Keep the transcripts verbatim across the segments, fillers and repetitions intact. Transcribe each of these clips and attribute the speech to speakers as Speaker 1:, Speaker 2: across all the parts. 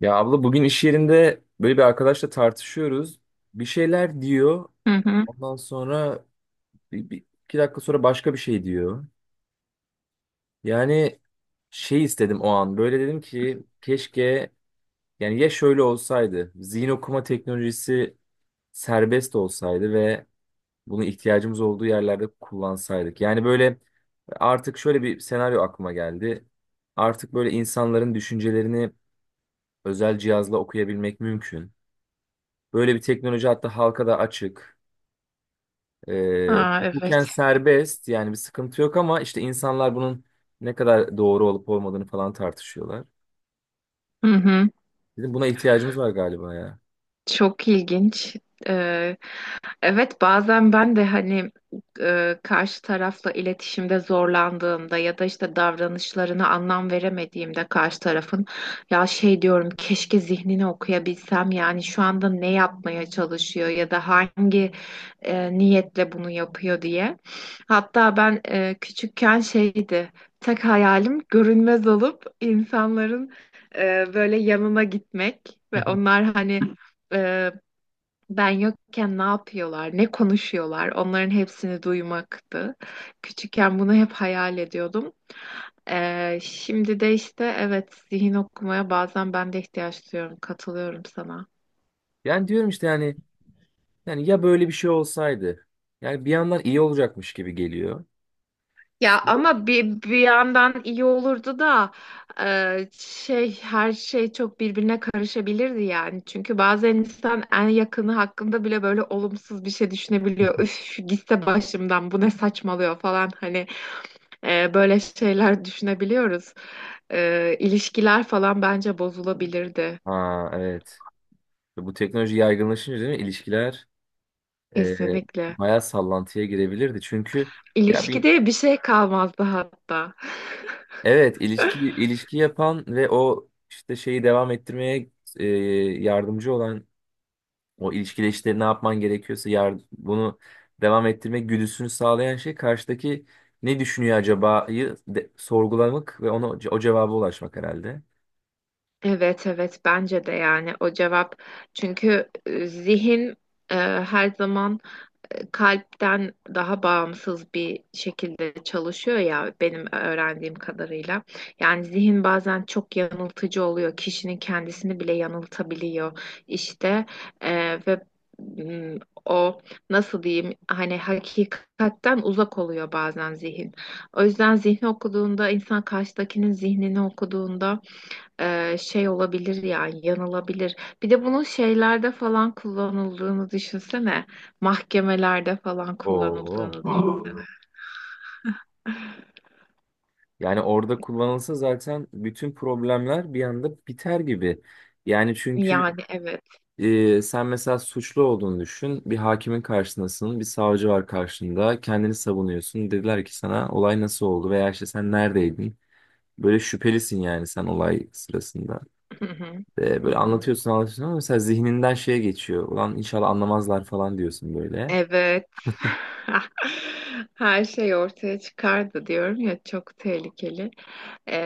Speaker 1: Ya abla bugün iş yerinde böyle bir arkadaşla tartışıyoruz. Bir şeyler diyor.
Speaker 2: Hı hı.
Speaker 1: Ondan sonra bir, bir- iki dakika sonra başka bir şey diyor. Yani şey istedim o an. Böyle dedim ki keşke yani ya şöyle olsaydı. Zihin okuma teknolojisi serbest olsaydı ve bunu ihtiyacımız olduğu yerlerde kullansaydık. Yani böyle artık şöyle bir senaryo aklıma geldi. Artık böyle insanların düşüncelerini özel cihazla okuyabilmek mümkün. Böyle bir teknoloji hatta halka da açık. Ee,
Speaker 2: Aa, evet.
Speaker 1: hukuken serbest, yani bir sıkıntı yok, ama işte insanlar bunun ne kadar doğru olup olmadığını falan tartışıyorlar.
Speaker 2: Hı hı.
Speaker 1: Dedim buna ihtiyacımız var galiba ya.
Speaker 2: Çok ilginç. Ee, Evet, bazen ben de hani e, karşı tarafla iletişimde zorlandığımda ya da işte davranışlarına anlam veremediğimde karşı tarafın ya şey diyorum keşke zihnini okuyabilsem, yani şu anda ne yapmaya çalışıyor ya da hangi e, niyetle bunu yapıyor diye. Hatta ben e, küçükken şeydi, tek hayalim görünmez olup insanların e, böyle yanına gitmek ve onlar hani e, ben yokken ne yapıyorlar, ne konuşuyorlar, onların hepsini duymaktı. Küçükken bunu hep hayal ediyordum. Ee, şimdi de işte evet, zihin okumaya bazen ben de ihtiyaç duyuyorum, katılıyorum sana.
Speaker 1: Yani diyorum işte yani yani ya böyle bir şey olsaydı. Yani bir yandan iyi olacakmış gibi geliyor.
Speaker 2: Ya
Speaker 1: İşte,
Speaker 2: ama bir, bir yandan iyi olurdu da e, şey, her şey çok birbirine karışabilirdi yani. Çünkü bazen insan en yakını hakkında bile böyle olumsuz bir şey düşünebiliyor. Üf, gitse başımdan, bu ne saçmalıyor falan hani. Ee, böyle şeyler düşünebiliyoruz. Ee, ilişkiler falan bence bozulabilirdi.
Speaker 1: ha, evet. Bu teknoloji yaygınlaşınca, değil mi? İlişkiler e,
Speaker 2: Kesinlikle.
Speaker 1: bayağı sallantıya girebilirdi. Çünkü ya bir
Speaker 2: İlişkide bir şey kalmazdı hatta.
Speaker 1: evet, ilişki ilişki yapan ve o işte şeyi devam ettirmeye e, yardımcı olan, o ilişkide işte ne yapman gerekiyorsa yar- bunu devam ettirme güdüsünü sağlayan şey karşıdaki ne düşünüyor acaba'yı de- sorgulamak ve ona o cevaba ulaşmak herhalde.
Speaker 2: Evet, evet, bence de yani o cevap. Çünkü e, zihin e, her zaman kalpten daha bağımsız bir şekilde çalışıyor ya, benim öğrendiğim kadarıyla. Yani zihin bazen çok yanıltıcı oluyor. Kişinin kendisini bile yanıltabiliyor işte. Ee, ve mm, o, nasıl diyeyim, hani hakikatten uzak oluyor bazen zihin. O yüzden zihni okuduğunda, insan karşıdakinin zihnini okuduğunda, e, şey olabilir yani yanılabilir. Bir de bunun şeylerde falan kullanıldığını düşünsene. Mahkemelerde falan
Speaker 1: Oo.
Speaker 2: kullanıldığını düşünsene.
Speaker 1: Yani orada kullanılsa zaten bütün problemler bir anda biter gibi. Yani çünkü
Speaker 2: Yani evet.
Speaker 1: Ee, sen mesela suçlu olduğunu düşün. Bir hakimin karşısındasın, bir savcı var karşında. Kendini savunuyorsun. Dediler ki sana olay nasıl oldu veya işte sen neredeydin? Böyle şüphelisin yani sen olay sırasında.
Speaker 2: Hı hı.
Speaker 1: Ee,
Speaker 2: Hı
Speaker 1: böyle
Speaker 2: hı.
Speaker 1: anlatıyorsun anlatıyorsun ama mesela zihninden şeye geçiyor. Ulan inşallah anlamazlar falan diyorsun böyle.
Speaker 2: Evet. Her şey ortaya çıkardı diyorum ya, çok tehlikeli. Ee,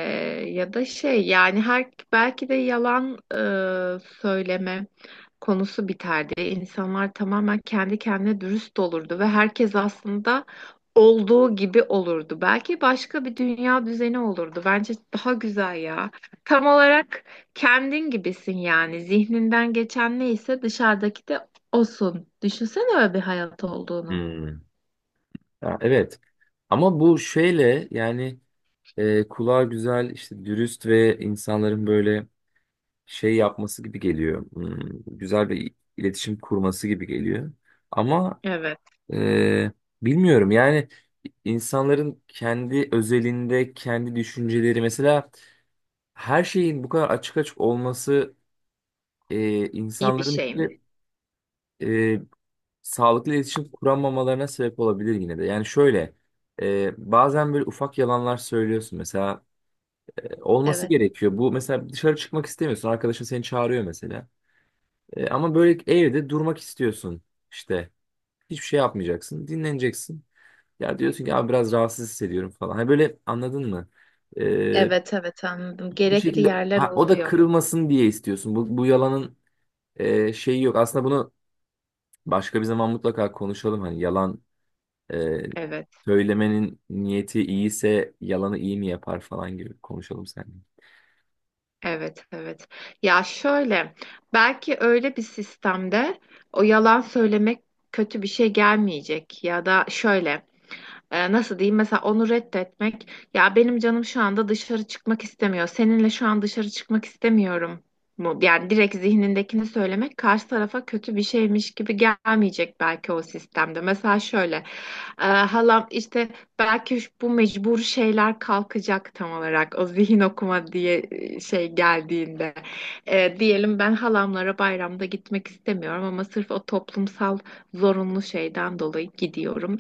Speaker 2: ya da şey, yani her, belki de yalan e, söyleme konusu biterdi. İnsanlar tamamen kendi kendine dürüst olurdu ve herkes aslında olduğu gibi olurdu. Belki başka bir dünya düzeni olurdu. Bence daha güzel ya. Tam olarak kendin gibisin yani. Zihninden geçen neyse, dışarıdaki de olsun. Düşünsene öyle bir hayat olduğunu.
Speaker 1: Hmm. Ya, evet. Ama bu şeyle yani e, kulağa güzel, işte dürüst ve insanların böyle şey yapması gibi geliyor. Hmm, güzel bir iletişim kurması gibi geliyor. Ama
Speaker 2: Evet.
Speaker 1: e, bilmiyorum yani, insanların kendi özelinde kendi düşünceleri mesela, her şeyin bu kadar açık açık olması e,
Speaker 2: İyi bir
Speaker 1: insanların
Speaker 2: şey mi?
Speaker 1: işte e, sağlıklı iletişim kuramamalarına sebep olabilir yine de. Yani şöyle, e, bazen böyle ufak yalanlar söylüyorsun mesela, e, olması
Speaker 2: Evet.
Speaker 1: gerekiyor. Bu mesela, dışarı çıkmak istemiyorsun, arkadaşın seni çağırıyor mesela. E, ama böyle evde durmak istiyorsun işte. Hiçbir şey yapmayacaksın. Dinleneceksin. Ya diyorsun ki abi, biraz rahatsız hissediyorum falan. Hani, böyle anladın mı? E,
Speaker 2: Evet, evet anladım.
Speaker 1: Bir
Speaker 2: Gerekli
Speaker 1: şekilde,
Speaker 2: yerler
Speaker 1: ha, o da
Speaker 2: oluyor.
Speaker 1: kırılmasın diye istiyorsun. Bu, bu yalanın e, şeyi yok. Aslında bunu başka bir zaman mutlaka konuşalım. Hani, yalan e,
Speaker 2: Evet,
Speaker 1: söylemenin niyeti iyiyse yalanı iyi mi yapar falan gibi konuşalım seninle.
Speaker 2: evet, evet. Ya şöyle, belki öyle bir sistemde o yalan söylemek kötü bir şey gelmeyecek, ya da şöyle e, nasıl diyeyim, mesela onu reddetmek, ya benim canım şu anda dışarı çıkmak istemiyor, seninle şu an dışarı çıkmak istemiyorum mu, yani direkt zihnindekini söylemek karşı tarafa kötü bir şeymiş gibi gelmeyecek belki o sistemde. Mesela şöyle e, halam işte, belki şu- bu mecbur şeyler kalkacak tam olarak, o zihin okuma diye e, şey geldiğinde. E, diyelim ben halamlara bayramda gitmek istemiyorum ama sırf o toplumsal zorunlu şeyden dolayı gidiyorum.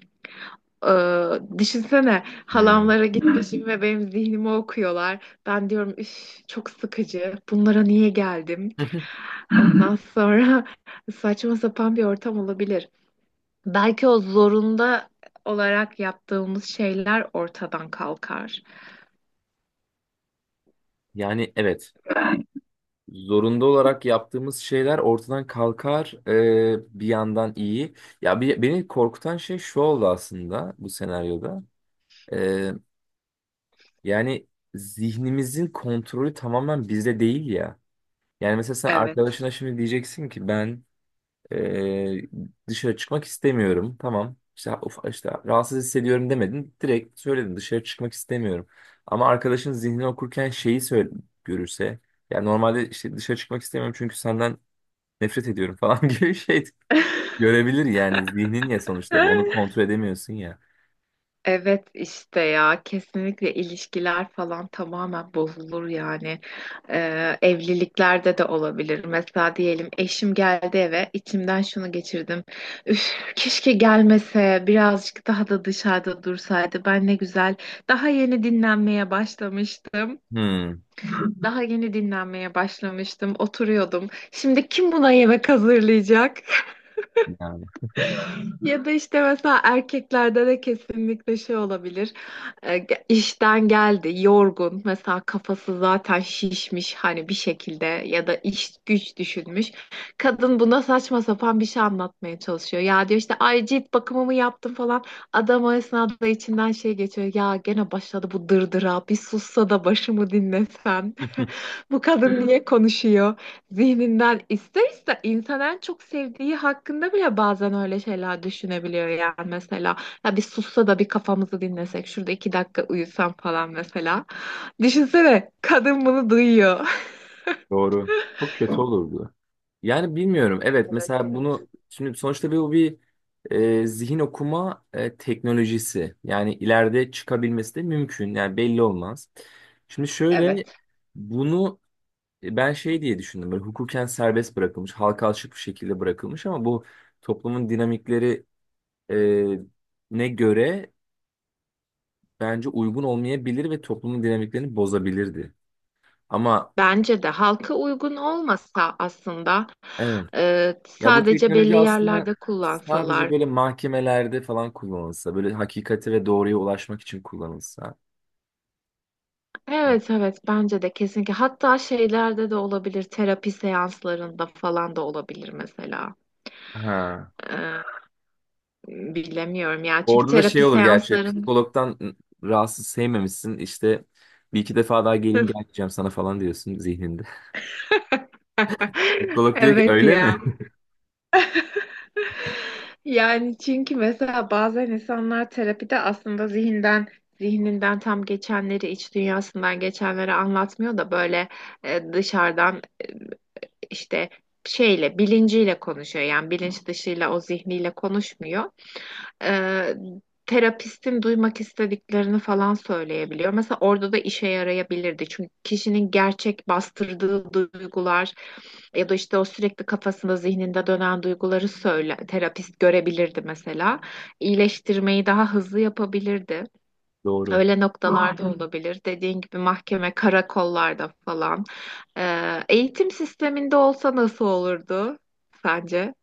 Speaker 2: Ee, düşünsene
Speaker 1: Hmm.
Speaker 2: halamlara gitmişim ve benim zihnimi okuyorlar. Ben diyorum üf, çok sıkıcı. Bunlara niye geldim? Ondan sonra saçma sapan bir ortam olabilir. Belki o zorunda olarak yaptığımız şeyler ortadan kalkar.
Speaker 1: Yani, evet. Zorunda olarak yaptığımız şeyler ortadan kalkar, e, bir yandan iyi. Ya bir, beni korkutan şey şu oldu aslında bu senaryoda. E, Yani zihnimizin kontrolü tamamen bizde değil ya. Yani mesela, sen
Speaker 2: Evet.
Speaker 1: arkadaşına şimdi diyeceksin ki ben e, dışarı çıkmak istemiyorum. Tamam işte, of, işte rahatsız hissediyorum demedin. Direkt söyledin, dışarı çıkmak istemiyorum. Ama arkadaşın zihnini okurken şeyi söyle, görürse. Yani normalde, işte dışarı çıkmak istemiyorum çünkü senden nefret ediyorum falan gibi bir şey görebilir yani. Zihnin ya, sonuçta bu, onu kontrol edemiyorsun ya.
Speaker 2: Evet işte, ya kesinlikle ilişkiler falan tamamen bozulur yani. Ee, evliliklerde de olabilir. Mesela diyelim eşim geldi eve, içimden şunu geçirdim, üf keşke gelmese, birazcık daha da dışarıda dursaydı, ben ne güzel daha yeni dinlenmeye başlamıştım,
Speaker 1: Hmm,
Speaker 2: daha yeni dinlenmeye başlamıştım, oturuyordum, şimdi kim buna yemek hazırlayacak.
Speaker 1: yani.
Speaker 2: Ya da işte mesela erkeklerde de kesinlikle şey olabilir. E, ge- işten geldi, yorgun. Mesela kafası zaten şişmiş hani bir şekilde, ya da iş güç düşünmüş. Kadın buna saçma sapan bir şey anlatmaya çalışıyor. Ya, diyor işte, ay cilt bakımımı yaptım falan. Adam o esnada içinden şey geçiyor. Ya gene başladı bu dırdıra. Bir sussa da başımı dinlesen. Bu kadın niye konuşuyor? Zihninden ister ister insan en çok sevdiği hakkında bile bazen öyle şeyler düşünebiliyor yani mesela. Ya bir sussa da bir kafamızı dinlesek, şurada iki dakika uyusam falan mesela. Düşünsene kadın bunu duyuyor.
Speaker 1: Doğru. Çok kötü olurdu. Yani bilmiyorum. Evet,
Speaker 2: Evet,
Speaker 1: mesela
Speaker 2: evet.
Speaker 1: bunu şimdi, sonuçta bir, bu bir e, zihin okuma e, teknolojisi. Yani ileride çıkabilmesi de mümkün. Yani belli olmaz. Şimdi şöyle,
Speaker 2: Evet.
Speaker 1: bunu e, ben şey diye düşündüm. Böyle hukuken serbest bırakılmış, halka açık bir şekilde bırakılmış, ama bu toplumun dinamikleri e, ne göre bence uygun olmayabilir ve toplumun dinamiklerini bozabilirdi. Ama
Speaker 2: Bence de halka uygun olmasa, aslında
Speaker 1: evet.
Speaker 2: e,
Speaker 1: Ya, bu
Speaker 2: sadece
Speaker 1: teknoloji
Speaker 2: belli
Speaker 1: aslında
Speaker 2: yerlerde
Speaker 1: sadece
Speaker 2: kullansalar.
Speaker 1: böyle mahkemelerde falan kullanılsa, böyle hakikati ve doğruya ulaşmak için kullanılsa.
Speaker 2: Evet, evet, bence de kesinlikle. Hatta şeylerde de olabilir. Terapi seanslarında falan da olabilir mesela.
Speaker 1: Ha.
Speaker 2: Ee, bilemiyorum ya. Çünkü
Speaker 1: Orada da şey
Speaker 2: terapi
Speaker 1: olur gerçi,
Speaker 2: seansların.
Speaker 1: psikologdan rahatsız, sevmemişsin, işte bir iki defa daha geleyim, gelmeyeceğim sana falan diyorsun zihninde. Psikolog diyor ki
Speaker 2: Evet
Speaker 1: öyle
Speaker 2: ya.
Speaker 1: mi?
Speaker 2: Yani çünkü mesela bazen insanlar terapide aslında zihinden zihninden tam geçenleri, iç dünyasından geçenleri anlatmıyor da böyle e, dışarıdan e, işte şeyle, bilinciyle konuşuyor. Yani bilinç dışıyla, o zihniyle konuşmuyor. e, terapistin duymak istediklerini falan söyleyebiliyor. Mesela orada da işe yarayabilirdi. Çünkü kişinin gerçek bastırdığı duygular ya da işte o sürekli kafasında, zihninde dönen duyguları söyle, terapist görebilirdi mesela. İyileştirmeyi daha hızlı yapabilirdi.
Speaker 1: Doğru.
Speaker 2: Öyle noktalarda aynen olabilir. Dediğin gibi mahkeme, karakollarda falan. E, eğitim sisteminde olsa nasıl olurdu sence?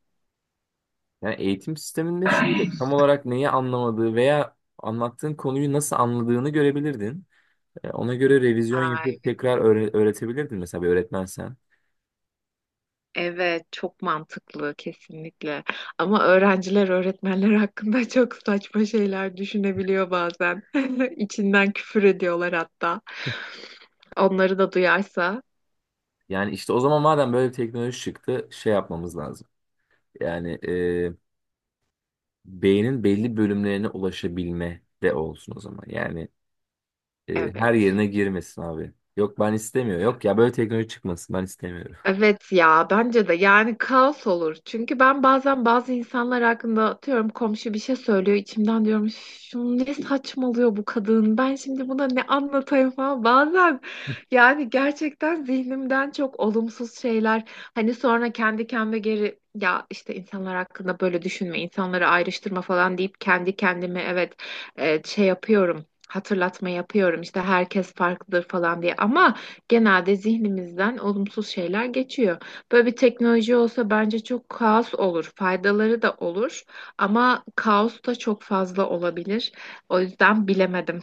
Speaker 1: Yani eğitim sisteminde şöyle, tam olarak neyi anlamadığı veya anlattığın konuyu nasıl anladığını görebilirdin. Ya ona göre revizyon
Speaker 2: Ay.
Speaker 1: yapıp tekrar öğre- öğretebilirdin mesela, bir öğretmensen.
Speaker 2: Evet, çok mantıklı kesinlikle. Ama öğrenciler öğretmenler hakkında çok saçma şeyler düşünebiliyor bazen. İçinden küfür ediyorlar hatta. Onları da duyarsa,
Speaker 1: Yani işte, o zaman madem böyle bir teknoloji çıktı, şey yapmamız lazım. Yani e, beynin belli bölümlerine ulaşabilme de olsun o zaman. Yani e,
Speaker 2: evet.
Speaker 1: her yerine girmesin abi. Yok, ben istemiyorum. Yok ya, böyle teknoloji çıkmasın, ben istemiyorum.
Speaker 2: Evet ya, bence de yani kaos olur. Çünkü ben bazen bazı insanlar hakkında, atıyorum komşu bir şey söylüyor, içimden diyorum "Üf, şunu ne saçmalıyor bu kadın, ben şimdi buna ne anlatayım" falan. Bazen yani gerçekten zihnimden çok olumsuz şeyler, hani sonra kendi kendime geri, ya işte insanlar hakkında böyle düşünme, insanları ayrıştırma falan deyip kendi kendime, evet, e, şey yapıyorum, hatırlatma yapıyorum işte, herkes farklıdır falan diye. Ama genelde zihnimizden olumsuz şeyler geçiyor. Böyle bir teknoloji olsa bence çok kaos olur. Faydaları da olur ama kaos da çok fazla olabilir. O yüzden bilemedim.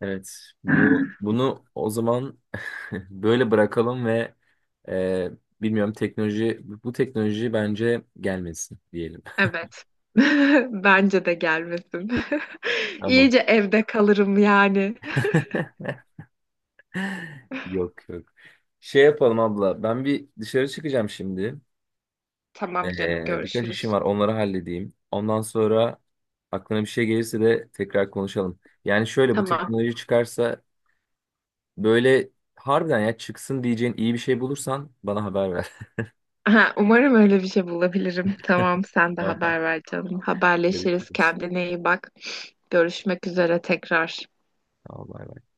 Speaker 1: Evet, bu bunu o zaman böyle bırakalım ve e, bilmiyorum, teknoloji, bu teknoloji bence gelmesin diyelim.
Speaker 2: Evet. Bence de gelmesin.
Speaker 1: Tamam.
Speaker 2: İyice evde kalırım yani.
Speaker 1: Yok, yok. Şey yapalım abla. Ben bir dışarı çıkacağım şimdi.
Speaker 2: Tamam canım,
Speaker 1: Ee, birkaç işim
Speaker 2: görüşürüz.
Speaker 1: var. Onları halledeyim. Ondan sonra aklına bir şey gelirse de tekrar konuşalım. Yani şöyle, bu
Speaker 2: Tamam.
Speaker 1: teknoloji çıkarsa böyle, harbiden ya çıksın diyeceğin iyi bir şey bulursan bana haber ver.
Speaker 2: Aha, umarım öyle bir şey bulabilirim. Tamam, sen de
Speaker 1: Tamam.
Speaker 2: haber ver canım. Haberleşiriz.
Speaker 1: Görüşürüz.
Speaker 2: Kendine iyi bak. Görüşmek üzere tekrar.
Speaker 1: Tamam. Bay bay.